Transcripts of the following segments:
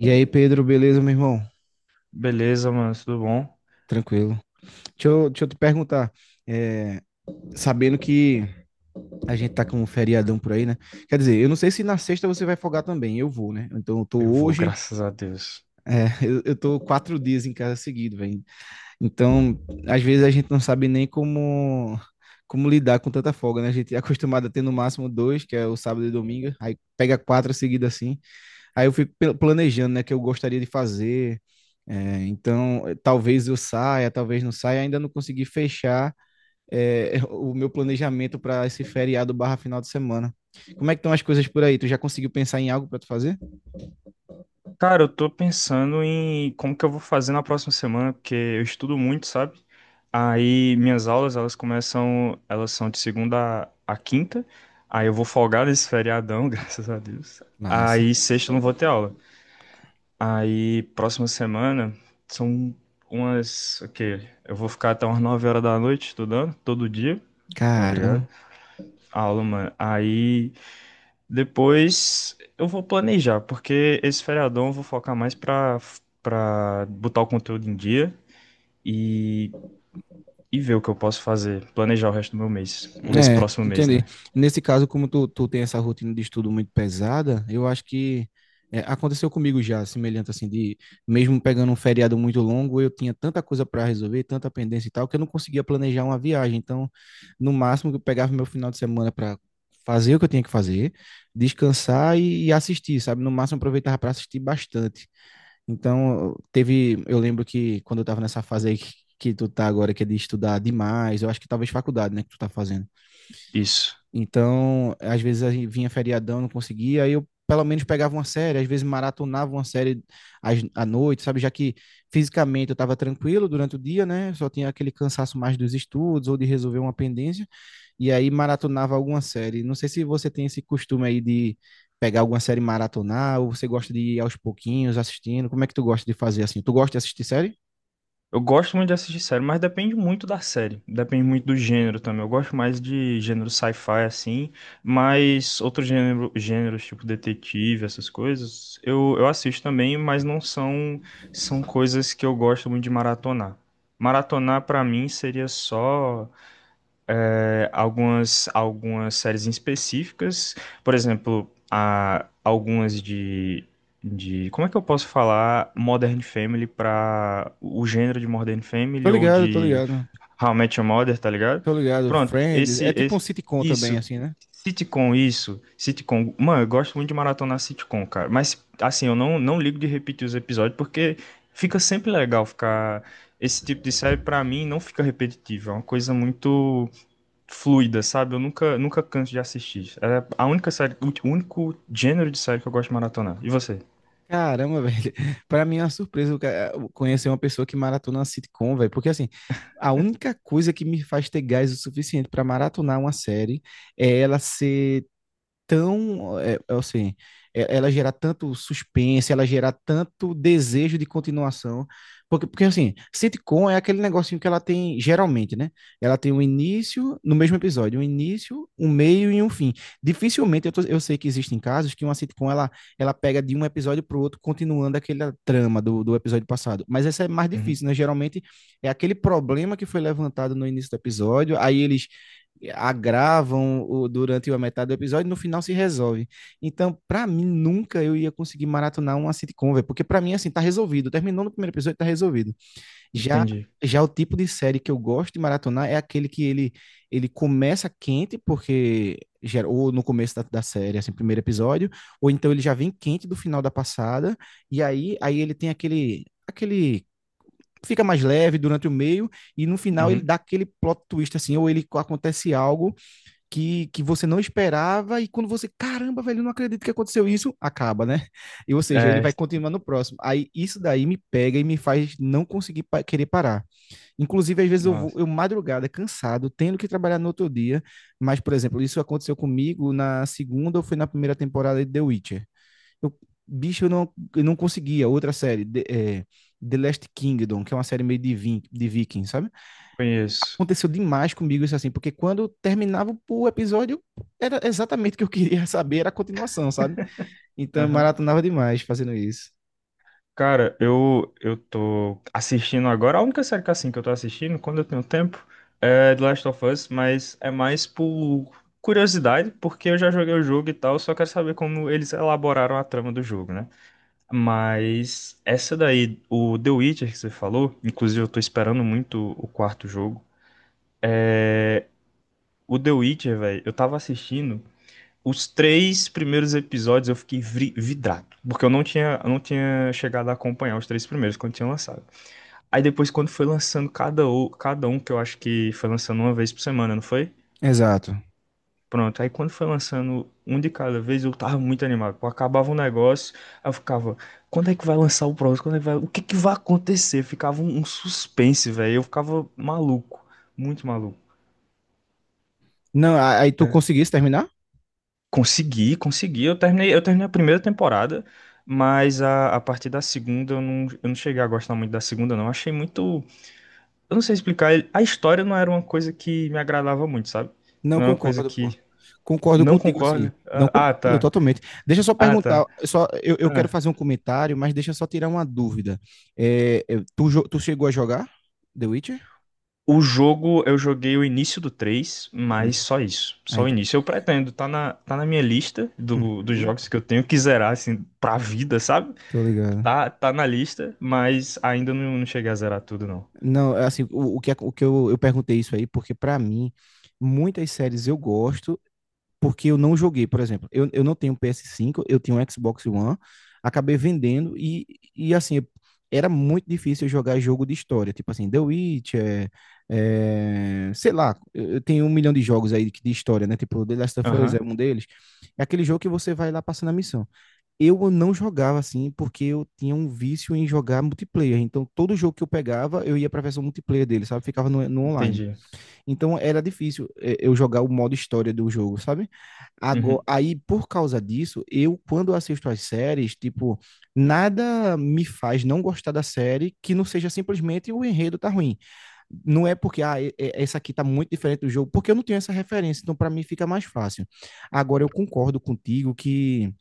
E aí, Pedro, beleza, meu irmão? Beleza, mano, tudo bom? Tranquilo. Deixa eu te perguntar, é, sabendo que a gente tá com um feriadão por aí, né? Quer dizer, eu não sei se na sexta você vai folgar também, eu vou, né? Então eu tô Eu vou, hoje, graças a Deus. Eu tô quatro dias em casa seguido, velho. Então, às vezes a gente não sabe nem como lidar com tanta folga, né? A gente é acostumado a ter no máximo dois, que é o sábado e domingo, aí pega quatro seguidas assim. Aí eu fico planejando, né, que eu gostaria de fazer. É, então, talvez eu saia, talvez não saia. Ainda não consegui fechar, o meu planejamento para esse feriado barra final de semana. Como é que estão as coisas por aí? Tu já conseguiu pensar em algo para tu fazer? Cara, eu tô pensando em como que eu vou fazer na próxima semana, porque eu estudo muito, sabe? Aí minhas aulas, elas são de segunda a quinta. Aí eu vou folgar nesse feriadão, graças a Deus. Massa. Aí sexta eu não vou ter aula. Aí próxima semana são ok, eu vou ficar até umas 9 horas da noite estudando todo dia, tá ligado? Caramba. A aula, mano. Aí, depois eu vou planejar, porque esse feriadão eu vou focar mais pra botar o conteúdo em dia e, e ver o que eu posso fazer. Planejar o resto do meu mês. O esse É, próximo mês, entendi. né? Nesse caso, como tu tem essa rotina de estudo muito pesada, eu acho que aconteceu comigo já, semelhante assim, de mesmo pegando um feriado muito longo, eu tinha tanta coisa para resolver, tanta pendência e tal, que eu não conseguia planejar uma viagem. Então, no máximo, eu pegava meu final de semana para fazer o que eu tinha que fazer, descansar e assistir, sabe? No máximo, eu aproveitava para assistir bastante. Então, eu lembro que quando eu estava nessa fase aí que tu tá agora, que é de estudar demais, eu acho que talvez faculdade, né, que tu tá fazendo. Isso. Então, às vezes a gente vinha feriadão, não conseguia, aí eu pelo menos pegava uma série, às vezes maratonava uma série à noite, sabe? Já que fisicamente eu estava tranquilo durante o dia, né? Só tinha aquele cansaço mais dos estudos ou de resolver uma pendência, e aí maratonava alguma série. Não sei se você tem esse costume aí de pegar alguma série e maratonar, ou você gosta de ir aos pouquinhos assistindo. Como é que tu gosta de fazer assim? Tu gosta de assistir série? Eu gosto muito de assistir série, mas depende muito da série. Depende muito do gênero também. Eu gosto mais de gênero sci-fi, assim, mas outros gêneros, tipo detetive, essas coisas, eu assisto também, mas não são, são coisas que eu gosto muito de maratonar. Maratonar, pra mim, seria só algumas séries em específicas, por exemplo, algumas de. Como é que eu posso falar Modern Family para o gênero de Modern Tô Family ou ligado, tô de ligado. How I Met Your Mother, tá ligado? Tô ligado. Pronto, Friends, é esse, tipo um esse sitcom também isso. assim, né? Sitcom, isso. Sitcom. Mano, eu gosto muito de maratonar sitcom, cara. Mas, assim, eu não ligo de repetir os episódios porque fica sempre legal ficar. Esse tipo de série, pra mim, não fica repetitivo. É uma coisa muito fluida, sabe? Eu nunca, nunca canso de assistir. É a única série, o único gênero de série que eu gosto de maratonar. E você? Caramba, velho. Pra mim é uma surpresa o o conhecer uma pessoa que maratona uma sitcom, velho. Porque assim, a única coisa que me faz ter gás o suficiente pra maratonar uma série é ela ser tão, é, é assim, é- ela gerar tanto suspense, ela gerar tanto desejo de continuação, porque assim, sitcom é aquele negocinho que ela tem, geralmente, né? Ela tem um início, no mesmo episódio, um início, um meio e um fim. Dificilmente, eu sei que existem casos que uma sitcom, ela pega de um episódio pro outro, continuando aquela trama do episódio passado, mas essa é mais Uhum, difícil, né? Geralmente, é aquele problema que foi levantado no início do episódio, aí eles durante a metade do episódio e no final se resolve. Então, para mim, nunca eu ia conseguir maratonar uma sitcom, véio, porque para mim, assim, tá resolvido. Terminou no primeiro episódio, tá resolvido. Já entendi. já o tipo de série que eu gosto de maratonar é aquele ele começa quente, porque já, ou no começo da série, assim, primeiro episódio, ou então ele já vem quente do final da passada, e aí ele tem aquele fica mais leve durante o meio e no final ele Uhum. dá aquele plot twist assim, ou ele acontece algo que você não esperava, e quando você, caramba, velho, eu não acredito que aconteceu isso, acaba, né? E, ou seja, ele É, vai continuar no próximo. Aí isso daí me pega e me faz não conseguir pa querer parar. Inclusive, às vezes nossa, eu madrugada, cansado, tendo que trabalhar no outro dia, mas, por exemplo, isso aconteceu comigo na segunda ou foi na primeira temporada de The Witcher. Eu, bicho, eu não conseguia. Outra série, The Last Kingdom, que é uma série meio de, de viking, sabe? conheço. Aconteceu demais comigo isso assim, porque quando terminava o episódio, era exatamente o que eu queria saber, era a continuação, sabe? Então eu Aham. maratonava demais fazendo isso. Cara, eu tô assistindo agora. A única série que, assim, que eu tô assistindo, quando eu tenho tempo, é The Last of Us, mas é mais por curiosidade, porque eu já joguei o jogo e tal, só quero saber como eles elaboraram a trama do jogo, né? Mas essa daí, o The Witcher que você falou, inclusive eu tô esperando muito o quarto jogo. é, O The Witcher, velho, eu tava assistindo os três primeiros episódios, eu fiquei vidrado, porque eu não tinha chegado a acompanhar os três primeiros quando tinha lançado. Aí depois, quando foi lançando cada um, que eu acho que foi lançando uma vez por semana, não foi? Exato. Pronto, aí quando foi lançando um de cada vez, eu tava muito animado. Pô, acabava um negócio, aí eu ficava, quando é que vai lançar o próximo? Quando é que vai... O que que vai acontecer? Ficava um suspense, velho. Eu ficava maluco, muito maluco. Não, aí tu É. conseguisse terminar? Consegui, consegui. Eu terminei a primeira temporada, mas a partir da segunda eu não cheguei a gostar muito da segunda, não. Achei muito. Eu não sei explicar. A história não era uma coisa que me agradava muito, sabe? Não Não era uma coisa concordo, pô. que. Concordo Não contigo assim. concorda? Não Ah, concordo tá. totalmente. Deixa eu só Ah, perguntar, tá. Eu quero Ah. fazer um comentário, mas deixa eu só tirar uma dúvida. Tu chegou a jogar The Witcher? O jogo, eu joguei o início do 3, mas Hum. só isso. Ah, Só o ent- início. Eu pretendo, tá na minha lista dos Uhum. jogos que eu tenho que zerar, assim, pra vida, sabe? Tô ligado. Tá, tá na lista, mas ainda não cheguei a zerar tudo, não. Não, é assim, o que eu perguntei isso aí, porque pra mim, muitas séries eu gosto, porque eu não joguei, por exemplo. Eu não tenho ps cinco, eu tenho um Xbox One, acabei vendendo e assim, era muito difícil eu jogar jogo de história, tipo assim, The Witcher, sei lá, eu tenho um milhão de jogos aí de história, né? Tipo, The Last of Us Aham, é um deles. É aquele jogo que você vai lá passando a missão eu não jogava assim porque eu tinha um vício em jogar multiplayer. Então, todo jogo que eu pegava, eu ia pra versão multiplayer dele, sabe? Ficava no online. entendi. Então, era difícil eu jogar o modo história do jogo, sabe? Agora, Uhum, aí, por causa disso, eu, quando assisto as séries, tipo, nada me faz não gostar da série que não seja simplesmente o enredo tá ruim. Não é porque, ah, essa aqui tá muito diferente do jogo, porque eu não tenho essa referência. Então, pra mim, fica mais fácil. Agora, eu concordo contigo que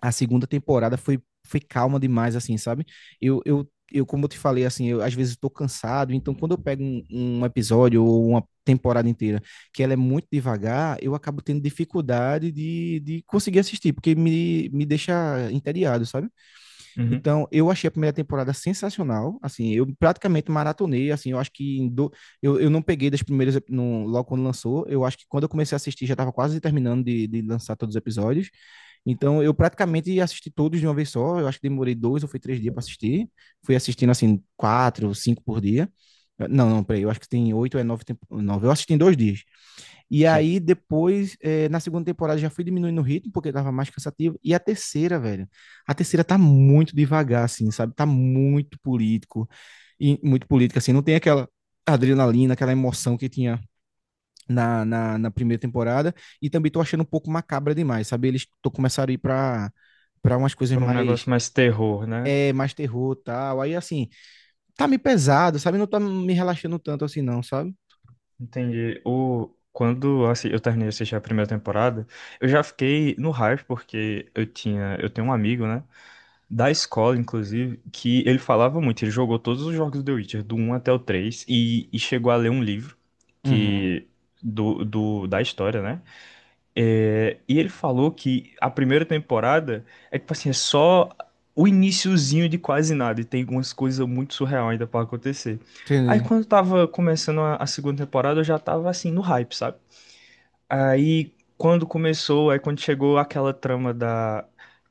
a segunda foi calma demais, assim, sabe? Como eu te falei, assim, eu às vezes estou cansado, então quando eu pego um episódio ou uma temporada inteira que ela é muito devagar, eu acabo tendo dificuldade de conseguir assistir, porque me deixa entediado, sabe? uhum, Então, eu achei a primeira temporada sensacional, assim, eu praticamente maratonei, assim, eu acho que em do, eu não peguei das primeiras, ep- no, logo quando lançou, eu acho que quando eu comecei a assistir já estava quase terminando de lançar todos os episódios, então, eu praticamente assisti todos de uma vez só. Eu acho que demorei dois ou foi três dias para assistir. Fui assistindo, assim, quatro, ou cinco por dia. Não, não, peraí, eu acho que tem oito ou é nove, nove. Eu assisti em dois dias. E sim. aí, depois, na segunda temporada, já fui diminuindo o ritmo, porque tava mais cansativo. E a terceira, velho, a terceira tá muito devagar, assim, sabe? Tá muito político, e muito política, assim. Não tem aquela adrenalina, aquela emoção que tinha na primeira temporada e também tô achando um pouco macabra demais, sabe? Eles tô começaram a ir pra umas coisas Por um mais negócio mais terror, né? Mais terror e tal. Aí assim, tá meio pesado, sabe? Não tá me relaxando tanto assim não, sabe? Entendi. Quando assim, eu terminei de assistir a primeira temporada, eu já fiquei no hype, porque eu tenho um amigo, né? Da escola, inclusive, que ele falava muito. Ele jogou todos os jogos do The Witcher, do um até o 3 e chegou a ler um livro Uhum. que da história, né? É, e ele falou que a primeira temporada é tipo assim, é só o iniciozinho de quase nada, e tem umas coisas muito surreal ainda pra acontecer. Aí Entendi. quando tava começando a segunda temporada, eu já tava assim no hype, sabe? Aí quando começou, aí quando chegou aquela trama da.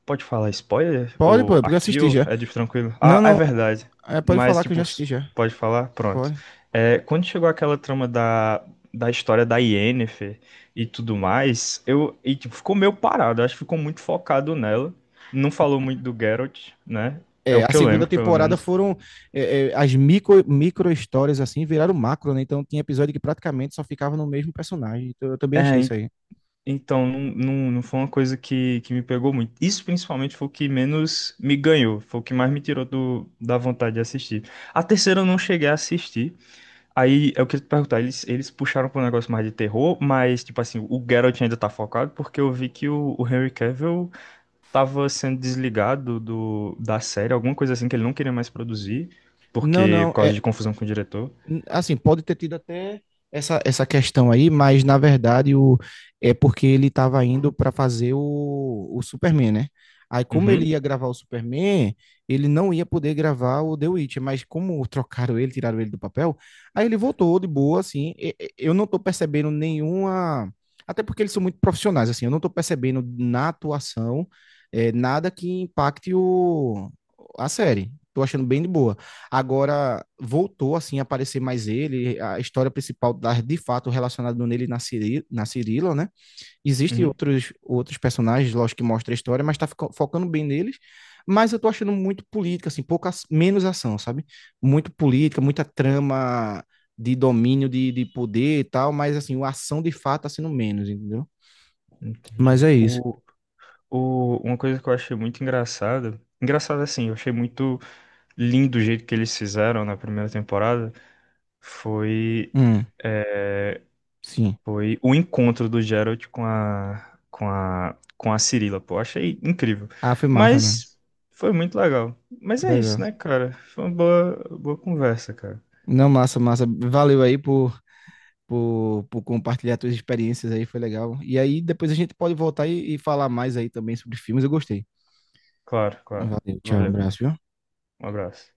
Pode falar spoiler? Pode, Ou pô, porque eu aqui, assisti ou já. é de tranquilo? Não, Ah, é não, verdade. é, pode Mas, falar que eu tipo, já assisti já. pode falar? Pronto. Pode. É, quando chegou aquela trama da história da Yennefer e tudo mais, eu. E, tipo, ficou meio parado. Acho que ficou muito focado nela. Não falou muito do Geralt, né? É É, o a que eu segunda lembro, pelo temporada menos. foram as micro histórias assim, viraram macro, né? Então tinha episódio que praticamente só ficava no mesmo personagem. Então, eu também achei É, isso aí. então, não foi uma coisa que me pegou muito. Isso principalmente foi o que menos me ganhou, foi o que mais me tirou da vontade de assistir. A terceira eu não cheguei a assistir. Aí eu queria te perguntar, eles puxaram para um negócio mais de terror, mas tipo assim, o Geralt ainda tá focado, porque eu vi que o Henry Cavill tava sendo desligado da série, alguma coisa assim que ele não queria mais produzir, Não, porque não, por causa é, de confusão com o diretor. N- Assim, pode ter tido até essa questão aí, mas na verdade é porque ele estava indo para fazer o Superman, né? Aí, como ele Uhum, ia gravar o Superman, ele não ia poder gravar o The Witcher, mas como trocaram ele, tiraram ele do papel, aí ele voltou de boa, assim. Eu não tô percebendo nenhuma. Até porque eles são muito profissionais, assim, eu não tô percebendo na atuação nada que impacte a série. Tô achando bem de boa. Agora voltou assim a aparecer mais ele, a história principal de fato relacionada nele na, Ciri, na Cirila, né? Existem uhum, outros personagens, lógico, que mostra a história, mas tá focando bem neles. Mas eu tô achando muito política, assim, pouca, menos ação, sabe? Muito política, muita trama de domínio, de poder e tal, mas assim, a ação de fato tá sendo menos, entendeu? Mas entendi. é isso. Uma coisa que eu achei muito engraçada, engraçada assim, eu achei muito lindo o jeito que eles fizeram na primeira temporada, foi Hum, sim. O encontro do Geralt com a Cirila, pô, achei incrível. Ah, foi massa mesmo. Mas foi muito legal. Mas Foi é legal. isso, né, cara? Foi uma boa conversa, cara. Não, massa, massa. Valeu aí por compartilhar suas experiências aí, foi legal. E aí depois a gente pode voltar e falar mais aí também sobre filmes, eu gostei. Claro, claro. Valeu, tchau, um Valeu. abraço, viu? Um abraço.